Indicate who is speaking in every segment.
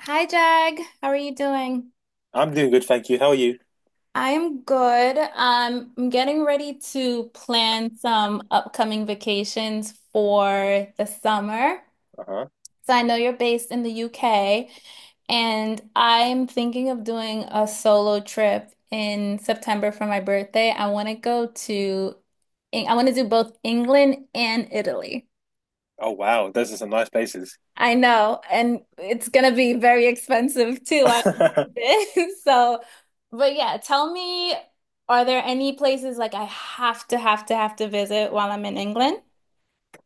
Speaker 1: Hi Jag, how are you doing?
Speaker 2: I'm doing good, thank you. How are you?
Speaker 1: I'm good. I'm getting ready to plan some upcoming vacations for the summer.
Speaker 2: Uh-huh.
Speaker 1: So I know you're based in the UK, and I'm thinking of doing a solo trip in September for my birthday. I want to do both England and Italy.
Speaker 2: Oh wow, those are some nice places.
Speaker 1: I know, and it's gonna be very expensive too, I imagine. But yeah, tell me, are there any places like I have to visit while I'm in England?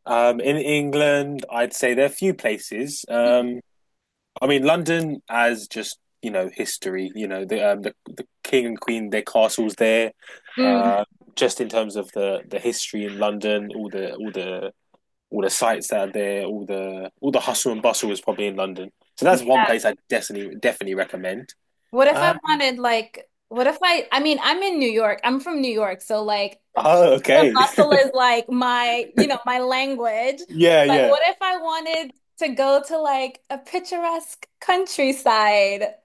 Speaker 2: In England, I'd say there are a few places. London as just history. You know the king and queen, their castles there.
Speaker 1: Mm.
Speaker 2: Uh, just in terms of the history in London, all the sites that are there, all the hustle and bustle is probably in London. So that's one place I definitely recommend.
Speaker 1: What if I
Speaker 2: Uh,
Speaker 1: wanted like, what if I, I mean, I'm in New York. I'm from New York, so like,
Speaker 2: oh,
Speaker 1: and
Speaker 2: okay.
Speaker 1: bustle is like my, you know, my language.
Speaker 2: Yeah,
Speaker 1: But
Speaker 2: yeah.
Speaker 1: what if I wanted to go to like a picturesque countryside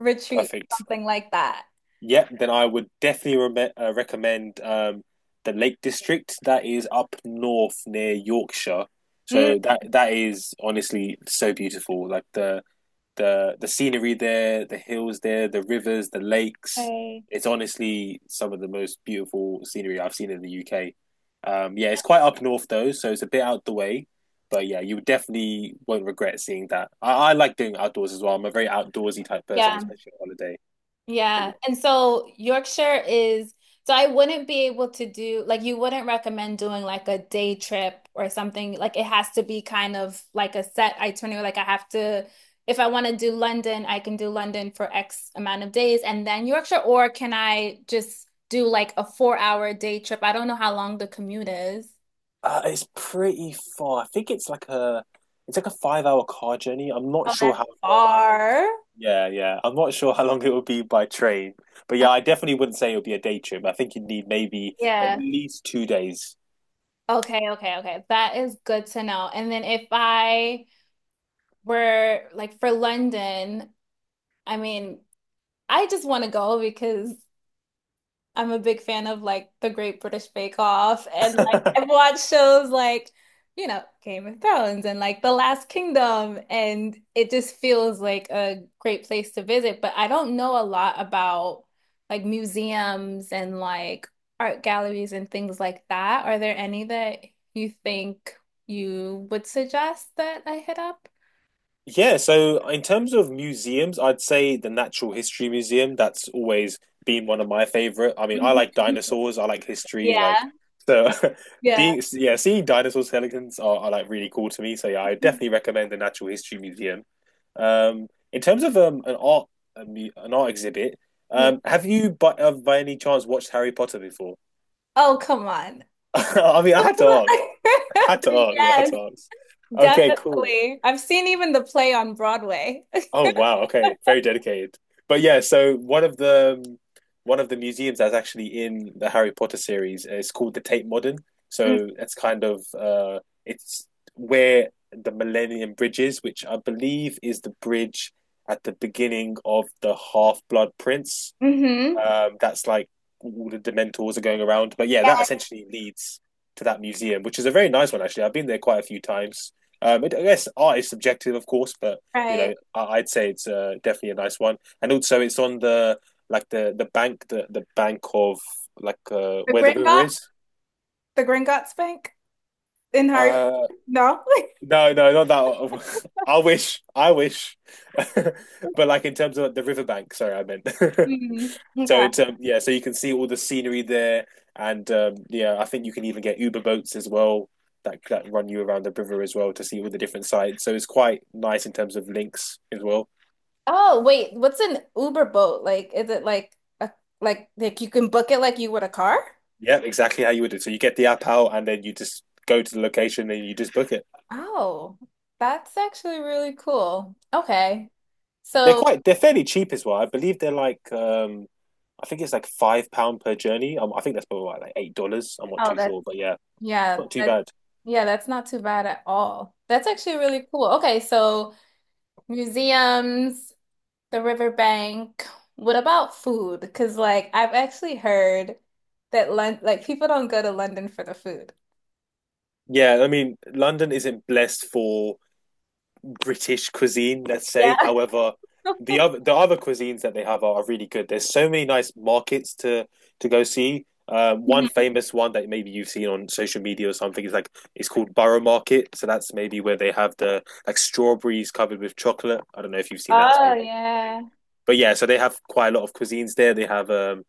Speaker 1: retreat,
Speaker 2: Perfect.
Speaker 1: something like that?
Speaker 2: Yep, then I would definitely re recommend the Lake District that is up north near Yorkshire.
Speaker 1: Mm.
Speaker 2: So that is honestly so beautiful. Like the scenery there, the hills there, the rivers, the lakes.
Speaker 1: Okay.
Speaker 2: It's honestly some of the most beautiful scenery I've seen in the UK. Yeah, it's quite up north though, so it's a bit out the way. But yeah, you definitely won't regret seeing that. I like doing outdoors as well. I'm a very outdoorsy type person,
Speaker 1: Yeah,
Speaker 2: especially on holiday.
Speaker 1: yeah. And so Yorkshire is, so I wouldn't be able to do, like, you wouldn't recommend doing like a day trip or something. Like, it has to be kind of like a set itinerary. Like, I have to, if I want to do London, I can do London for X amount of days and then Yorkshire, or can I just do like a 4 hour day trip? I don't know how long the commute is.
Speaker 2: It's pretty far. I think it's like a 5 hour car journey. I'm not
Speaker 1: Oh,
Speaker 2: sure
Speaker 1: that's
Speaker 2: how long.
Speaker 1: far.
Speaker 2: Yeah, yeah. I'm not sure how long it would be by train. But
Speaker 1: Uh,
Speaker 2: yeah, I definitely wouldn't say it would be a day trip. I think you'd need maybe at
Speaker 1: Yeah.
Speaker 2: least two days.
Speaker 1: Okay, okay, okay. That is good to know. And then if I, Where like for London, I mean, I just want to go because I'm a big fan of like the Great British Bake Off and like I've watched shows like, you know, Game of Thrones and like The Last Kingdom, and it just feels like a great place to visit, but I don't know a lot about like museums and like art galleries and things like that. Are there any that you think you would suggest that I hit up?
Speaker 2: Yeah, so in terms of museums, I'd say the Natural History Museum, that's always been one of my favorite. I mean, I
Speaker 1: Mhm.
Speaker 2: like dinosaurs, I like history,
Speaker 1: Yeah.
Speaker 2: like so
Speaker 1: Yeah.
Speaker 2: the yeah, seeing dinosaur skeletons are like really cool to me. So yeah, I definitely recommend the Natural History Museum. In terms of an art exhibit,
Speaker 1: Yeah.
Speaker 2: have you by any chance watched Harry Potter before?
Speaker 1: Oh, come on.
Speaker 2: I mean, I had to ask. I had to ask. I had
Speaker 1: Yes,
Speaker 2: to ask. Okay, cool.
Speaker 1: definitely. I've seen even the play on Broadway.
Speaker 2: Oh wow. Okay, very dedicated. But yeah, so one of the museums that's actually in the Harry Potter series is called the Tate Modern. So it's kind of it's where the Millennium Bridge is, which I believe is the bridge at the beginning of the Half-Blood Prince.
Speaker 1: Mm-hmm.
Speaker 2: That's like all the Dementors are going around. But yeah, that essentially leads to that museum, which is a very nice one actually. I've been there quite a few times. I guess art is subjective, of course, but you
Speaker 1: Right.
Speaker 2: know, would say it's definitely a nice one. And also, it's on the like the bank, the bank of
Speaker 1: The
Speaker 2: where the river
Speaker 1: Gringotts,
Speaker 2: is.
Speaker 1: the Gringotts Bank in Harry.
Speaker 2: Uh,
Speaker 1: No.
Speaker 2: no, not that one. I wish, but like in terms of the riverbank. Sorry, I meant.
Speaker 1: Mhm.
Speaker 2: So
Speaker 1: Okay.
Speaker 2: it's yeah, so you can see all the scenery there, and yeah, I think you can even get Uber boats as well that run you around the river as well to see all the different sites. So it's quite nice in terms of links as well.
Speaker 1: Oh, wait. What's an Uber boat? Like, is it like a like you can book it like you would a car?
Speaker 2: Yeah, exactly how you would do. So you get the app out, and then you just go to the location, and you just book it.
Speaker 1: Oh, that's actually really cool. Okay.
Speaker 2: They're
Speaker 1: So,
Speaker 2: quite they're fairly cheap as well. I believe they're I think it's like £5 per journey. I think that's probably like $8. I'm not
Speaker 1: Oh,
Speaker 2: too
Speaker 1: that's
Speaker 2: sure, but yeah,
Speaker 1: Yeah,
Speaker 2: not too
Speaker 1: that,
Speaker 2: bad.
Speaker 1: yeah, that's not too bad at all. That's actually really cool. Okay, so museums, the riverbank. What about food? Because like I've actually heard that Lon like people don't go to London for the food.
Speaker 2: Yeah, I mean London isn't blessed for British cuisine, let's
Speaker 1: Yeah.
Speaker 2: say. However, the other cuisines that they have are really good. There's so many nice markets to go see. One
Speaker 1: Mhm.
Speaker 2: famous one that maybe you've seen on social media or something is it's called Borough Market. So that's maybe where they have the strawberries covered with chocolate. I don't know if you've seen that. It's
Speaker 1: Oh
Speaker 2: maybe,
Speaker 1: yeah.
Speaker 2: but yeah. So they have quite a lot of cuisines there. They have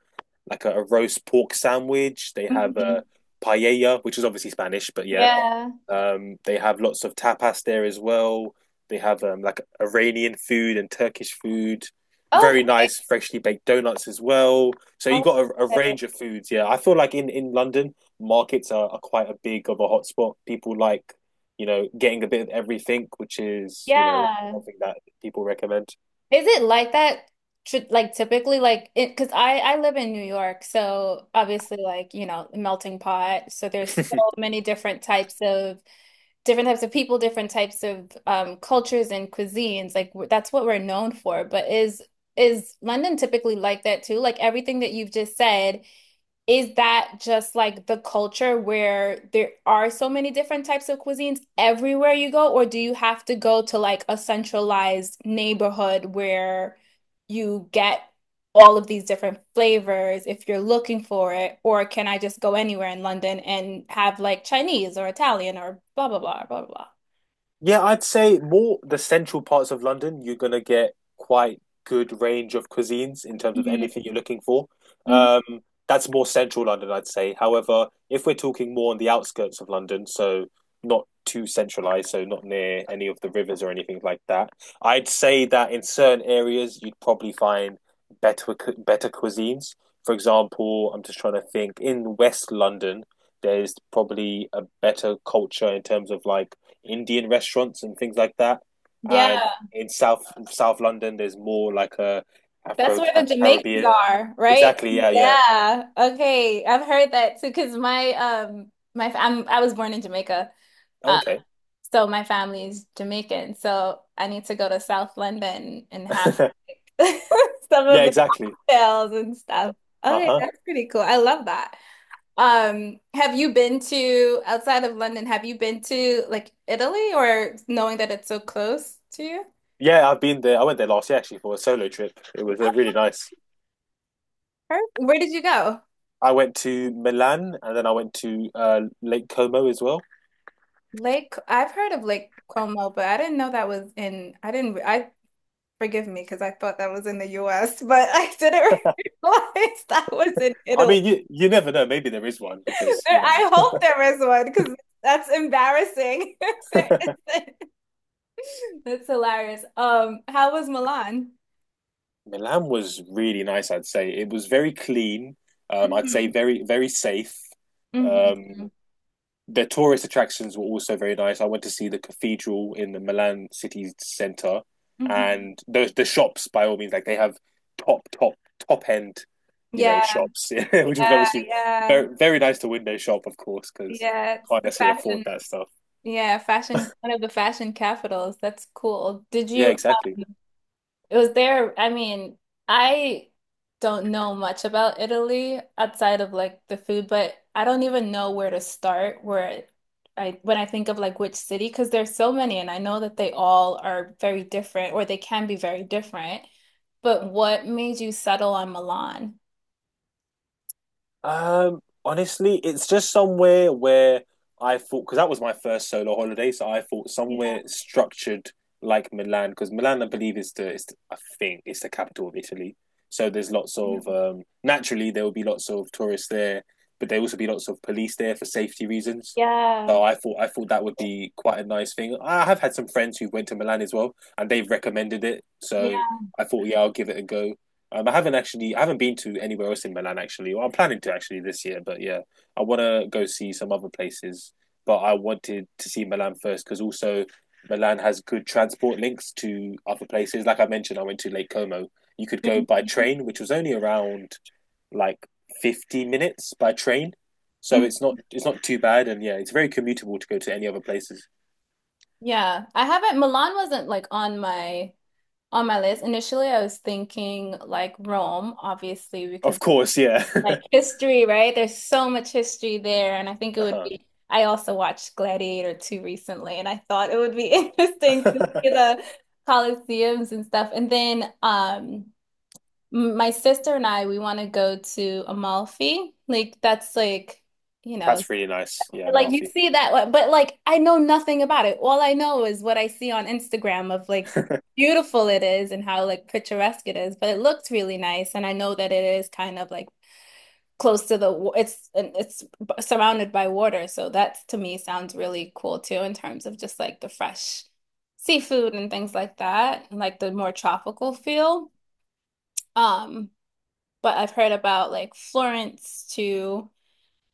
Speaker 2: like a roast pork sandwich. They have
Speaker 1: Mhm.
Speaker 2: a paella, which is obviously Spanish, but yeah.
Speaker 1: Yeah.
Speaker 2: They have lots of tapas there as well. They have like Iranian food and Turkish food. Very
Speaker 1: Okay.
Speaker 2: nice, freshly baked donuts as well. So you
Speaker 1: Oh,
Speaker 2: got a range of foods. Yeah, I feel like in London, markets are quite a big of a hotspot. People like, you know, getting a bit of everything, which is, you know,
Speaker 1: yeah.
Speaker 2: something that people recommend.
Speaker 1: Is it like that? Like typically, like it, because I live in New York, so obviously, like you know, melting pot. So there's so many different types of people, different types of cultures and cuisines. Like that's what we're known for. But is London typically like that too? Like everything that you've just said, is that just like the culture where there are so many different types of cuisines everywhere you go, or do you have to go to like a centralized neighborhood where you get all of these different flavors if you're looking for it? Or can I just go anywhere in London and have like Chinese or Italian or blah blah blah blah blah?
Speaker 2: Yeah, I'd say more the central parts of London, you're gonna get quite good range of cuisines in terms of
Speaker 1: Mhm.
Speaker 2: anything you're looking for.
Speaker 1: Mhm.
Speaker 2: Um, that's more central London, I'd say. However, if we're talking more on the outskirts of London, so not too centralized, so not near any of the rivers or anything like that, I'd say that in certain areas you'd probably find better cuisines. For example, I'm just trying to think in West London, there's probably a better culture in terms of like Indian restaurants and things like that. And
Speaker 1: Yeah.
Speaker 2: in South London, there's more like a
Speaker 1: That's
Speaker 2: Afro
Speaker 1: where the Jamaicans
Speaker 2: Caribbean.
Speaker 1: are, right?
Speaker 2: Exactly. Yeah. Yeah.
Speaker 1: Yeah. Okay. I've heard that too, because I was born in Jamaica.
Speaker 2: Oh,
Speaker 1: Um,
Speaker 2: okay.
Speaker 1: so my family's Jamaican. So I need to go to South London and have some
Speaker 2: Yeah.
Speaker 1: of the
Speaker 2: Exactly.
Speaker 1: cocktails and stuff.
Speaker 2: Uh
Speaker 1: Okay,
Speaker 2: huh.
Speaker 1: that's pretty cool. I love that. Have you been to outside of London, have you been to like Italy or knowing that it's so close to you?
Speaker 2: Yeah. I've been there. I went there last year actually for a solo trip. It was really nice.
Speaker 1: Or Where did you go?
Speaker 2: I went to Milan and then I went to Lake Como as well.
Speaker 1: Lake, I've heard of Lake Como, but I didn't know that was in, I didn't, I forgive me because I thought that was in the US, but I didn't realize that was in
Speaker 2: I
Speaker 1: Italy.
Speaker 2: mean, you never know. Maybe there is one because yeah,
Speaker 1: I hope there is one because that's embarrassing. There isn't. That's hilarious. How was Milan?
Speaker 2: Milan was really nice. I'd say it was very clean. I'd say
Speaker 1: Mhm,
Speaker 2: very safe. Um,
Speaker 1: mhm,
Speaker 2: the tourist attractions were also very nice. I went to see the cathedral in the Milan city centre,
Speaker 1: mhm.
Speaker 2: and those the shops by all means like they have top top end, you know,
Speaker 1: Yeah,
Speaker 2: shops, which is
Speaker 1: yeah,
Speaker 2: obviously
Speaker 1: yeah,
Speaker 2: very nice to window shop, of course, because
Speaker 1: yeah. It's
Speaker 2: can't
Speaker 1: the
Speaker 2: necessarily afford
Speaker 1: fashion,
Speaker 2: that stuff.
Speaker 1: yeah, fashion, one of the fashion capitals. That's cool. Did
Speaker 2: Yeah,
Speaker 1: you?
Speaker 2: exactly.
Speaker 1: It was there. I mean, I don't know much about Italy outside of like the food, but I don't even know where to start where I when I think of like which city, because there's so many and I know that they all are very different or they can be very different. But what made you settle on Milan?
Speaker 2: Honestly, it's just somewhere where I thought because that was my first solo holiday, so I thought
Speaker 1: Yeah,
Speaker 2: somewhere structured like Milan because Milan, I believe, is the I think it's the capital of Italy. So there's lots of naturally there will be lots of tourists there, but there will also be lots of police there for safety reasons.
Speaker 1: yeah,
Speaker 2: So I thought that would be quite a nice thing. I have had some friends who went to Milan as well, and they've recommended it. So
Speaker 1: yeah.
Speaker 2: I thought, yeah, I'll give it a go. I haven't been to anywhere else in Milan actually. Well, I'm planning to actually this year, but yeah, I want to go see some other places. But I wanted to see Milan first because also Milan has good transport links to other places. Like I mentioned, I went to Lake Como. You could go by
Speaker 1: Mhm.
Speaker 2: train, which was only around like 50 minutes by train, so it's not too bad. And yeah, it's very commutable to go to any other places.
Speaker 1: Yeah, I haven't Milan wasn't like on my list. Initially, I was thinking like Rome, obviously,
Speaker 2: Of
Speaker 1: because
Speaker 2: course, yeah.
Speaker 1: like history, right? There's so much history there, and I think it would
Speaker 2: uh-huh.
Speaker 1: be. I also watched Gladiator 2 recently, and I thought it would be interesting to see the Colosseums and stuff. And then, my sister and I, we want to go to Amalfi. Like that's like, you know,
Speaker 2: That's really nice. Yeah,
Speaker 1: like you
Speaker 2: Malfi.
Speaker 1: see that, one, but like I know nothing about it. All I know is what I see on Instagram of like beautiful it is and how like picturesque it is, but it looks really nice. And I know that it is kind of like close to the it's surrounded by water, so that to me sounds really cool too in terms of just like the fresh seafood and things like that, and like the more tropical feel. Um, but I've heard about like Florence too.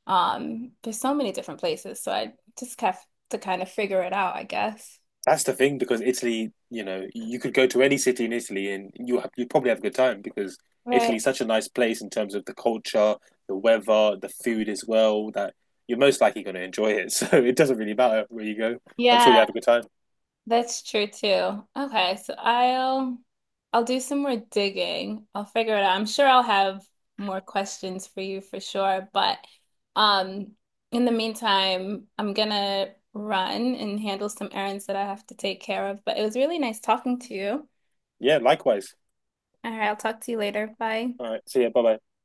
Speaker 1: There's so many different places, so I just have to kind of figure it out, I guess.
Speaker 2: That's the thing because Italy, you know, you could go to any city in Italy and you probably have a good time because Italy's
Speaker 1: Right.
Speaker 2: such a nice place in terms of the culture, the weather, the food as well, that you're most likely going to enjoy it. So it doesn't really matter where you go. I'm sure you
Speaker 1: Yeah.
Speaker 2: have a good time.
Speaker 1: That's true too. Okay, so I'll do some more digging. I'll figure it out. I'm sure I'll have more questions for you for sure, but um in the meantime, I'm gonna run and handle some errands that I have to take care of. But it was really nice talking to you.
Speaker 2: Yeah, likewise.
Speaker 1: All right, I'll talk to you later. Bye.
Speaker 2: All right. See ya. Bye bye.